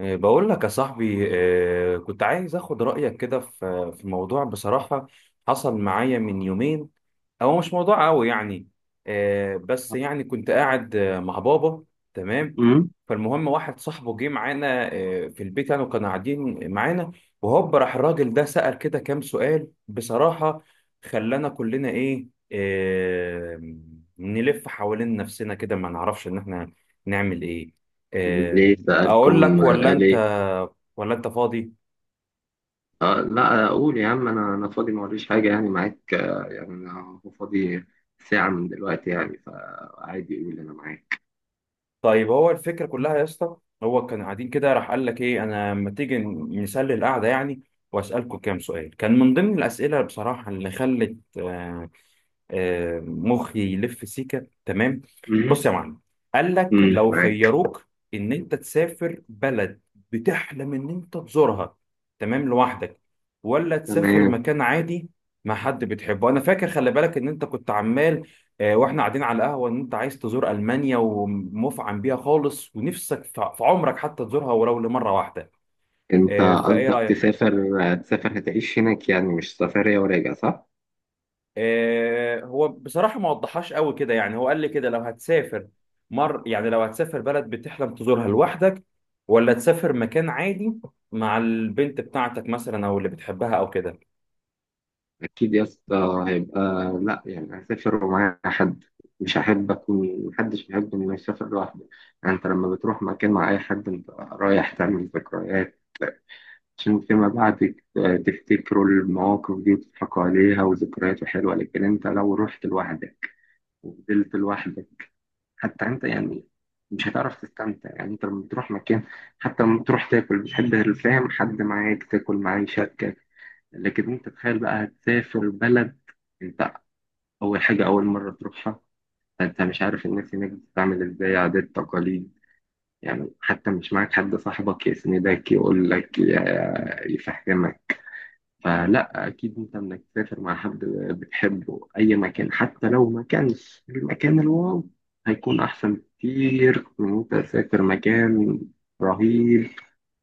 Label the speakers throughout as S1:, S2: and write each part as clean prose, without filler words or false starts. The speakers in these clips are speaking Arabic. S1: إيه، بقول لك يا صاحبي، إيه، كنت عايز اخد رأيك كده في موضوع بصراحة. حصل معايا من يومين، هو مش موضوع قوي يعني. إيه، بس يعني كنت قاعد مع بابا. تمام.
S2: امم
S1: فالمهم واحد صاحبه جه معانا في البيت يعني، وكانوا قاعدين معانا. وهوب راح الراجل ده سأل كده كام سؤال بصراحة، خلانا كلنا ايه، نلف حوالين نفسنا كده، ما نعرفش ان احنا نعمل ايه. آه،
S2: ليه
S1: اقول
S2: سألكم
S1: لك
S2: قال إيه؟
S1: ولا انت فاضي؟
S2: آه، لا أقول يا عم. أنا فاضي، ما وريش حاجة يعني معاك. يعني أنا هو فاضي ساعة من دلوقتي يعني، فعادي يقول أنا معاك.
S1: طيب، هو الفكره كلها يا اسطى، هو كان قاعدين كده راح قال لك ايه انا لما تيجي نسلي القعده يعني واسالكم كام سؤال، كان من ضمن الاسئله بصراحه اللي خلت مخي يلف سيكه. تمام.
S2: مم.
S1: بص يا معلم، قال لك
S2: مم،
S1: لو
S2: معاك
S1: خيروك ان انت تسافر بلد بتحلم ان انت تزورها، تمام، لوحدك، ولا تسافر
S2: تمام.
S1: مكان عادي مع حد بتحبه. انا فاكر خلي بالك ان انت كنت عمال واحنا قاعدين على القهوه ان انت عايز تزور المانيا ومفعم بيها خالص ونفسك في عمرك حتى تزورها ولو لمره واحده.
S2: أنت
S1: فايه
S2: قصدك
S1: رايك؟
S2: تسافر هتعيش هناك يعني، مش سفرية وراجع، صح؟
S1: هو بصراحة ما وضحهاش قوي كده يعني، هو قال لي كده لو هتسافر بلد بتحلم تزورها لوحدك ولا تسافر مكان عادي مع البنت بتاعتك مثلا او اللي بتحبها او كده.
S2: أكيد يا اسطى هيبقى، لا، يعني هسافر ومعايا حد، مش هحب أكون محدش بيحب إنه يسافر لوحده. يعني أنت لما بتروح مكان مع أي حد أنت رايح تعمل ذكريات عشان فيما بعد تفتكروا المواقف دي وتضحكوا عليها، وذكريات حلوة. لكن انت لو رحت لوحدك وفضلت لوحدك، حتى انت يعني مش هتعرف تستمتع. يعني انت لما بتروح مكان، حتى لما بتروح تاكل، بتحب الفاهم حد معاك تاكل معاه يشاركك. لكن انت تخيل بقى هتسافر بلد، انت اول حاجة، اول مرة تروحها، انت مش عارف الناس هناك بتعمل ازاي، عادات، تقاليد، يعني حتى مش معاك حد صاحبك يسندك يقول لك يفهمك. فلا، اكيد انت انك تسافر مع حد بتحبه اي مكان، حتى لو ما كانش المكان الواو، هيكون احسن بكتير من انت تسافر مكان رهيب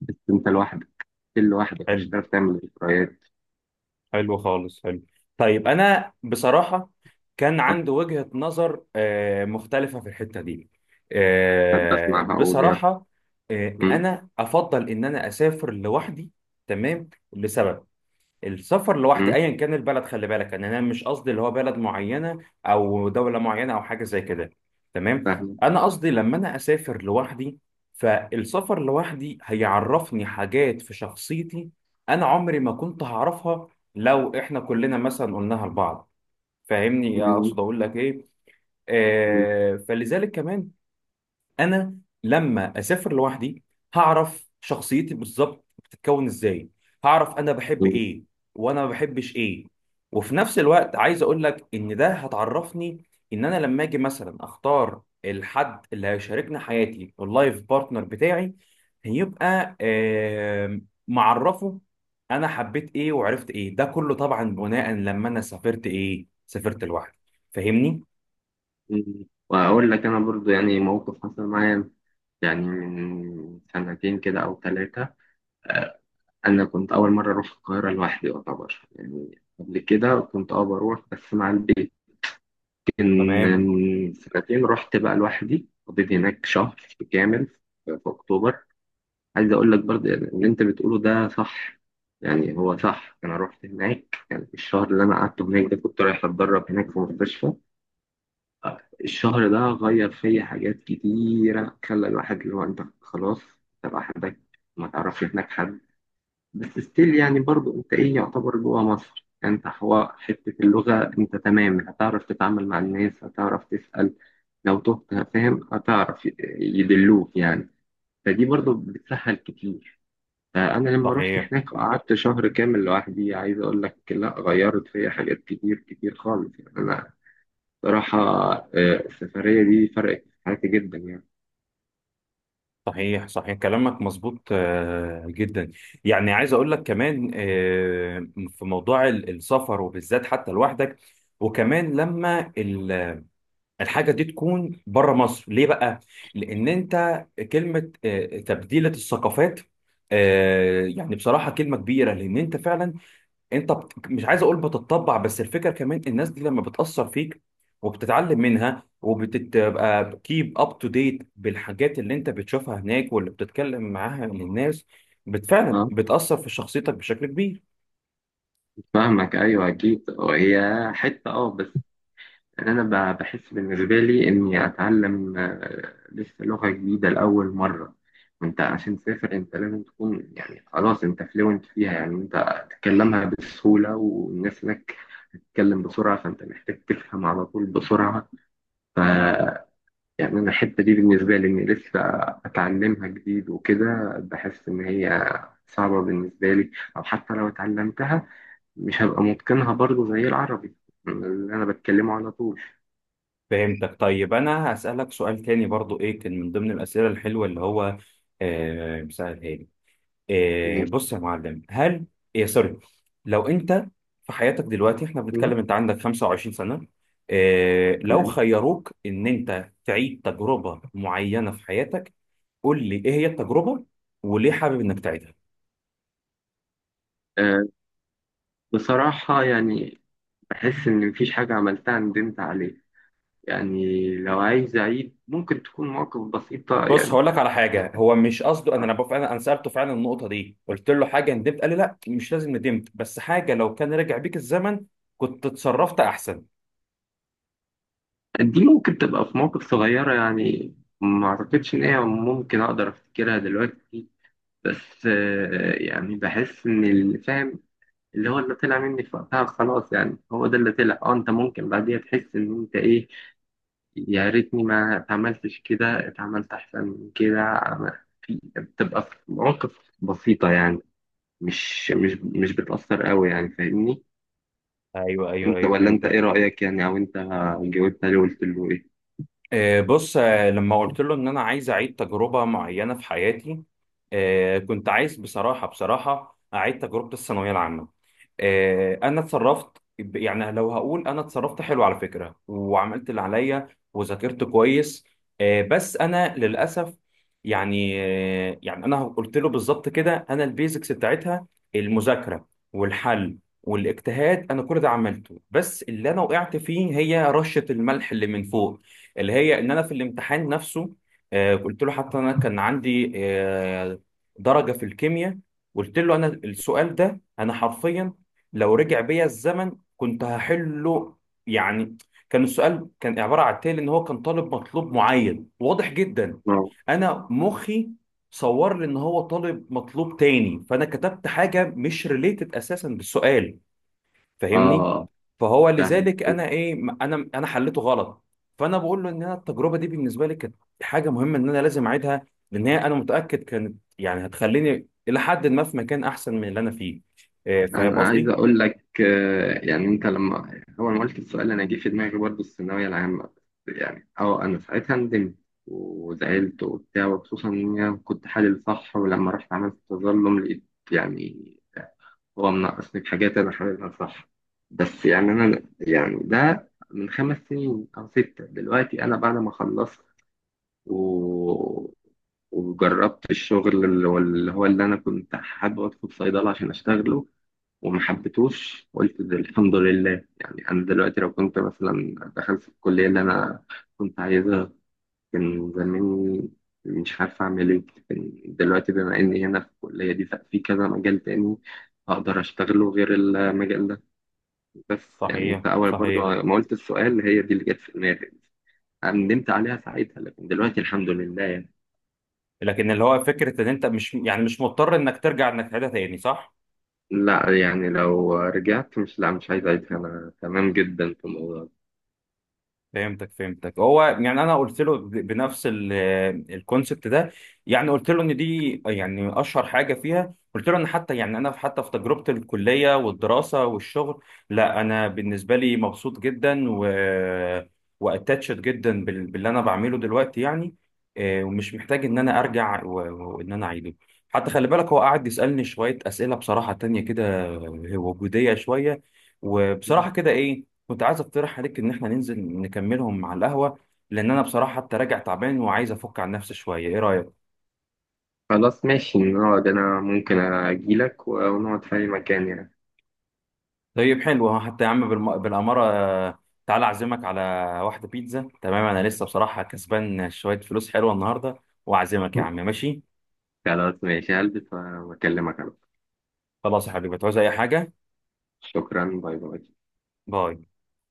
S2: بس انت لوحدك. كل لوحدك مش
S1: حلو.
S2: هتعرف تعمل ذكريات.
S1: حلو خالص. حلو. طيب انا بصراحة كان
S2: أه،
S1: عندي وجهة نظر مختلفة في الحتة دي.
S2: احب اسمعها، اقول يا
S1: بصراحة،
S2: أم،
S1: انا افضل ان انا اسافر لوحدي. تمام، لسبب، السفر لوحدي
S2: أم،
S1: ايا كان البلد، خلي بالك ان انا مش قصدي اللي هو بلد معينه او دوله معينه او حاجه زي كده. تمام،
S2: فاهم.
S1: انا قصدي لما انا اسافر لوحدي، فالسفر لوحدي هيعرفني حاجات في شخصيتي انا عمري ما كنت هعرفها لو احنا كلنا مثلا قلناها لبعض. فاهمني
S2: أم،
S1: اقصد اقول لك ايه؟
S2: أم،
S1: فلذلك كمان، انا لما اسافر لوحدي هعرف شخصيتي بالظبط بتتكون ازاي، هعرف انا بحب
S2: أم،
S1: ايه وانا ما بحبش ايه. وفي نفس الوقت عايز اقول لك ان ده هتعرفني ان انا لما اجي مثلا اختار الحد اللي هيشاركني حياتي واللايف بارتنر بتاعي، هيبقى معرفه انا حبيت ايه وعرفت ايه. ده كله طبعا بناء لما انا سافرت ايه سافرت لوحدي. فاهمني؟
S2: أم. واقول لك انا برضو يعني موقف حصل معايا يعني من سنتين كده او 3. انا كنت اول مره اروح القاهره لوحدي يعتبر، يعني قبل كده كنت اه بروح بس مع البيت، لكن
S1: تمام.
S2: من سنتين رحت بقى لوحدي، قضيت هناك شهر كامل في اكتوبر. عايز اقول لك برضه يعني اللي انت بتقوله ده صح، يعني هو صح. انا رحت هناك، يعني الشهر اللي انا قعدته هناك ده كنت رايح اتدرب هناك في مستشفى. الشهر ده غير فيا حاجات كتيره، خلى الواحد اللي هو انت خلاص، انت لوحدك، ما تعرفش هناك حد، بس ستيل يعني برضو انت ايه، يعتبر جوه مصر، يعني انت حواء حتة اللغة انت تمام، هتعرف تتعامل مع الناس، هتعرف تسأل لو تهت، فاهم، هتعرف يدلوك يعني. فدي برضو بتسهل كتير. فأنا لما رحت
S1: صحيح.
S2: هناك قعدت شهر كامل لوحدي، عايز أقول لك، لا غيرت فيا حاجات كتير كتير خالص يعني، أنا صراحة. آه، السفرية دي فرقت في حياتي جدا يعني.
S1: صحيح صحيح كلامك مظبوط جدا. يعني عايز اقول لك كمان في موضوع السفر، وبالذات حتى لوحدك، وكمان لما الحاجه دي تكون بره مصر، ليه بقى؟ لان انت كلمه تبديله الثقافات يعني بصراحه كلمه كبيره، لان انت فعلا مش عايز اقول بتتطبع، بس الفكره كمان، الناس دي لما بتاثر فيك وبتتعلم منها وبتبقى كيب اب تو ديت بالحاجات اللي انت بتشوفها هناك واللي بتتكلم معاها للناس، فعلا
S2: اه،
S1: بتاثر في شخصيتك بشكل كبير.
S2: فاهمك، أيوه أكيد. هي حتة بس، يعني انا بحس بالنسبه لي اني اتعلم لسه لغه جديده لاول مره. انت عشان تسافر انت لازم تكون يعني خلاص انت فلوينت فيها، يعني انت تتكلمها بسهوله، والناس هناك تتكلم بسرعه فانت محتاج تفهم على طول بسرعه. ف، يعني انا الحته دي بالنسبه لي اني لسه اتعلمها جديد وكده، بحس ان هي صعبه بالنسبه لي، او حتى لو اتعلمتها مش هبقى متقنها برضو زي العربي اللي انا بتكلمه على
S1: فهمتك. طيب انا هسالك سؤال تاني برضو، ايه كان من ضمن الاسئله الحلوه اللي هو آه... إيه، بص يا معلم، هل إيه سوري، لو انت في حياتك دلوقتي، احنا
S2: طول.
S1: بنتكلم انت عندك 25 سنة، إيه لو
S2: تمام.
S1: خيروك ان انت تعيد تجربة معينة في حياتك، قول لي ايه هي التجربة وليه حابب انك تعيدها.
S2: آه، بصراحة يعني بحس إن مفيش حاجة عملتها ندمت عليها، يعني لو عايز أعيد ممكن تكون مواقف بسيطة
S1: بص
S2: يعني.
S1: هقول لك على حاجة، هو مش قصده، انا
S2: آه،
S1: انا فعلا انا سألته فعلا النقطة دي، قلت له حاجة ندمت، قال لي لا مش لازم ندمت، بس حاجة لو كان رجع بيك الزمن كنت اتصرفت احسن.
S2: دي ممكن تبقى في مواقف صغيرة يعني، ما أعتقدش إن هي ممكن أقدر أفتكرها دلوقتي، بس يعني بحس إن اللي فاهم اللي هو اللي طلع مني في وقتها خلاص، يعني هو ده اللي طلع. أه، أنت ممكن بعديها تحس إن أنت إيه، يا ريتني ما اتعملتش كده، اتعملت احسن من كده. في بتبقى في مواقف بسيطة يعني، مش بتأثر قوي يعني، فاهمني؟
S1: ايوه ايوه
S2: انت،
S1: ايوه،
S2: ولا انت ايه
S1: فهمتك.
S2: رأيك يعني، او انت جاوبت عليه وقلت له ايه؟
S1: بص، لما قلت له ان انا عايز اعيد تجربه معينه في حياتي، كنت عايز بصراحه، اعيد تجربه الثانويه العامه. انا اتصرفت، يعني لو هقول انا اتصرفت حلو على فكره وعملت اللي عليا وذاكرت كويس، بس انا للاسف يعني. يعني انا قلت له بالظبط كده، انا البيزكس بتاعتها، المذاكره والحل والاجتهاد، انا كل ده عملته، بس اللي انا وقعت فيه هي رشه الملح اللي من فوق، اللي هي ان انا في الامتحان نفسه قلت له، حتى انا كان عندي درجة في الكيمياء. قلت له انا السؤال ده انا حرفيا لو رجع بيا الزمن كنت هحله. يعني كان السؤال كان عبارة عن التالي، ان هو كان طالب مطلوب معين واضح جدا،
S2: اه،
S1: انا مخي صور لي ان هو طالب مطلوب تاني، فانا كتبت حاجة مش ريليتد اساسا بالسؤال، فاهمني؟
S2: اه،
S1: فهو
S2: فاهم.
S1: لذلك انا انا حليته غلط. فانا بقول له ان انا التجربه دي بالنسبه لي كانت حاجه مهمه ان انا لازم اعيدها، لان هي انا متاكد كانت يعني هتخليني الى حد ما في مكان احسن من اللي انا فيه. إيه، فاهم
S2: انا عايز
S1: قصدي؟
S2: اقول لك يعني انت لما اول ما قلت السؤال انا جه في دماغي برضه الثانوية العامة. يعني اه، انا ساعتها ندمت وزعلت وبتاع، وخصوصا ان انا كنت حالل صح. ولما رحت عملت تظلم لقيت يعني هو مناقصني حاجات أنا حاببها صح. بس يعني أنا يعني ده من 5 سنين أو 6، دلوقتي أنا بعد ما خلصت و... وجربت الشغل اللي أنا كنت حابب أدخل صيدلة عشان أشتغله وما حبيتهوش، قلت ده الحمد لله. يعني أنا دلوقتي لو كنت مثلا دخلت في الكلية اللي أنا كنت عايزها كان زماني مش عارف أعمل إيه. كان دلوقتي بما إني هنا في الكلية دي ففي كذا مجال تاني أقدر أشتغله غير المجال ده. بس يعني
S1: صحيح
S2: أنت أول
S1: صحيح.
S2: برضه ما قلت السؤال هي دي اللي جت في دماغي، ندمت عليها ساعتها لكن دلوقتي الحمد لله يعني.
S1: لكن اللي هو فكره ان انت مش مضطر انك ترجع انك تعيدها تاني، صح.
S2: لا، يعني لو رجعت مش، لا مش عايز أعيدها، أنا تمام جدا في الموضوع
S1: فهمتك فهمتك. هو يعني انا قلت له بنفس الكونسبت ده، يعني قلت له ان دي يعني اشهر حاجه فيها، قلت له ان حتى يعني انا حتى في تجربه الكليه والدراسه والشغل، لا انا بالنسبه لي مبسوط جدا واتاتشد جدا باللي انا بعمله دلوقتي يعني. ومش محتاج ان انا ارجع وان انا اعيده. حتى خلي بالك، هو قعد يسالني شويه اسئله بصراحه تانية كده وجوديه شويه.
S2: ده.
S1: وبصراحه كده ايه، كنت عايز اقترح عليك ان احنا ننزل نكملهم على القهوة، لان انا بصراحة حتى راجع تعبان وعايز افك عن نفسي شوية. ايه رأيك؟
S2: خلاص ماشي نقعد، أنا ممكن أجيلك ونقعد في أي مكان يعني.
S1: طيب حلو، ها، حتى يا عم بالأمارة، تعالى اعزمك على واحدة بيتزا. تمام، انا لسه بصراحة كسبان شوية فلوس حلوة النهاردة، واعزمك يا عم، ماشي؟
S2: خلاص ماشي هلبس وأكلمك على طول.
S1: خلاص يا حبيبي، تعوز اي حاجة؟
S2: شكرا، باي باي.
S1: باي.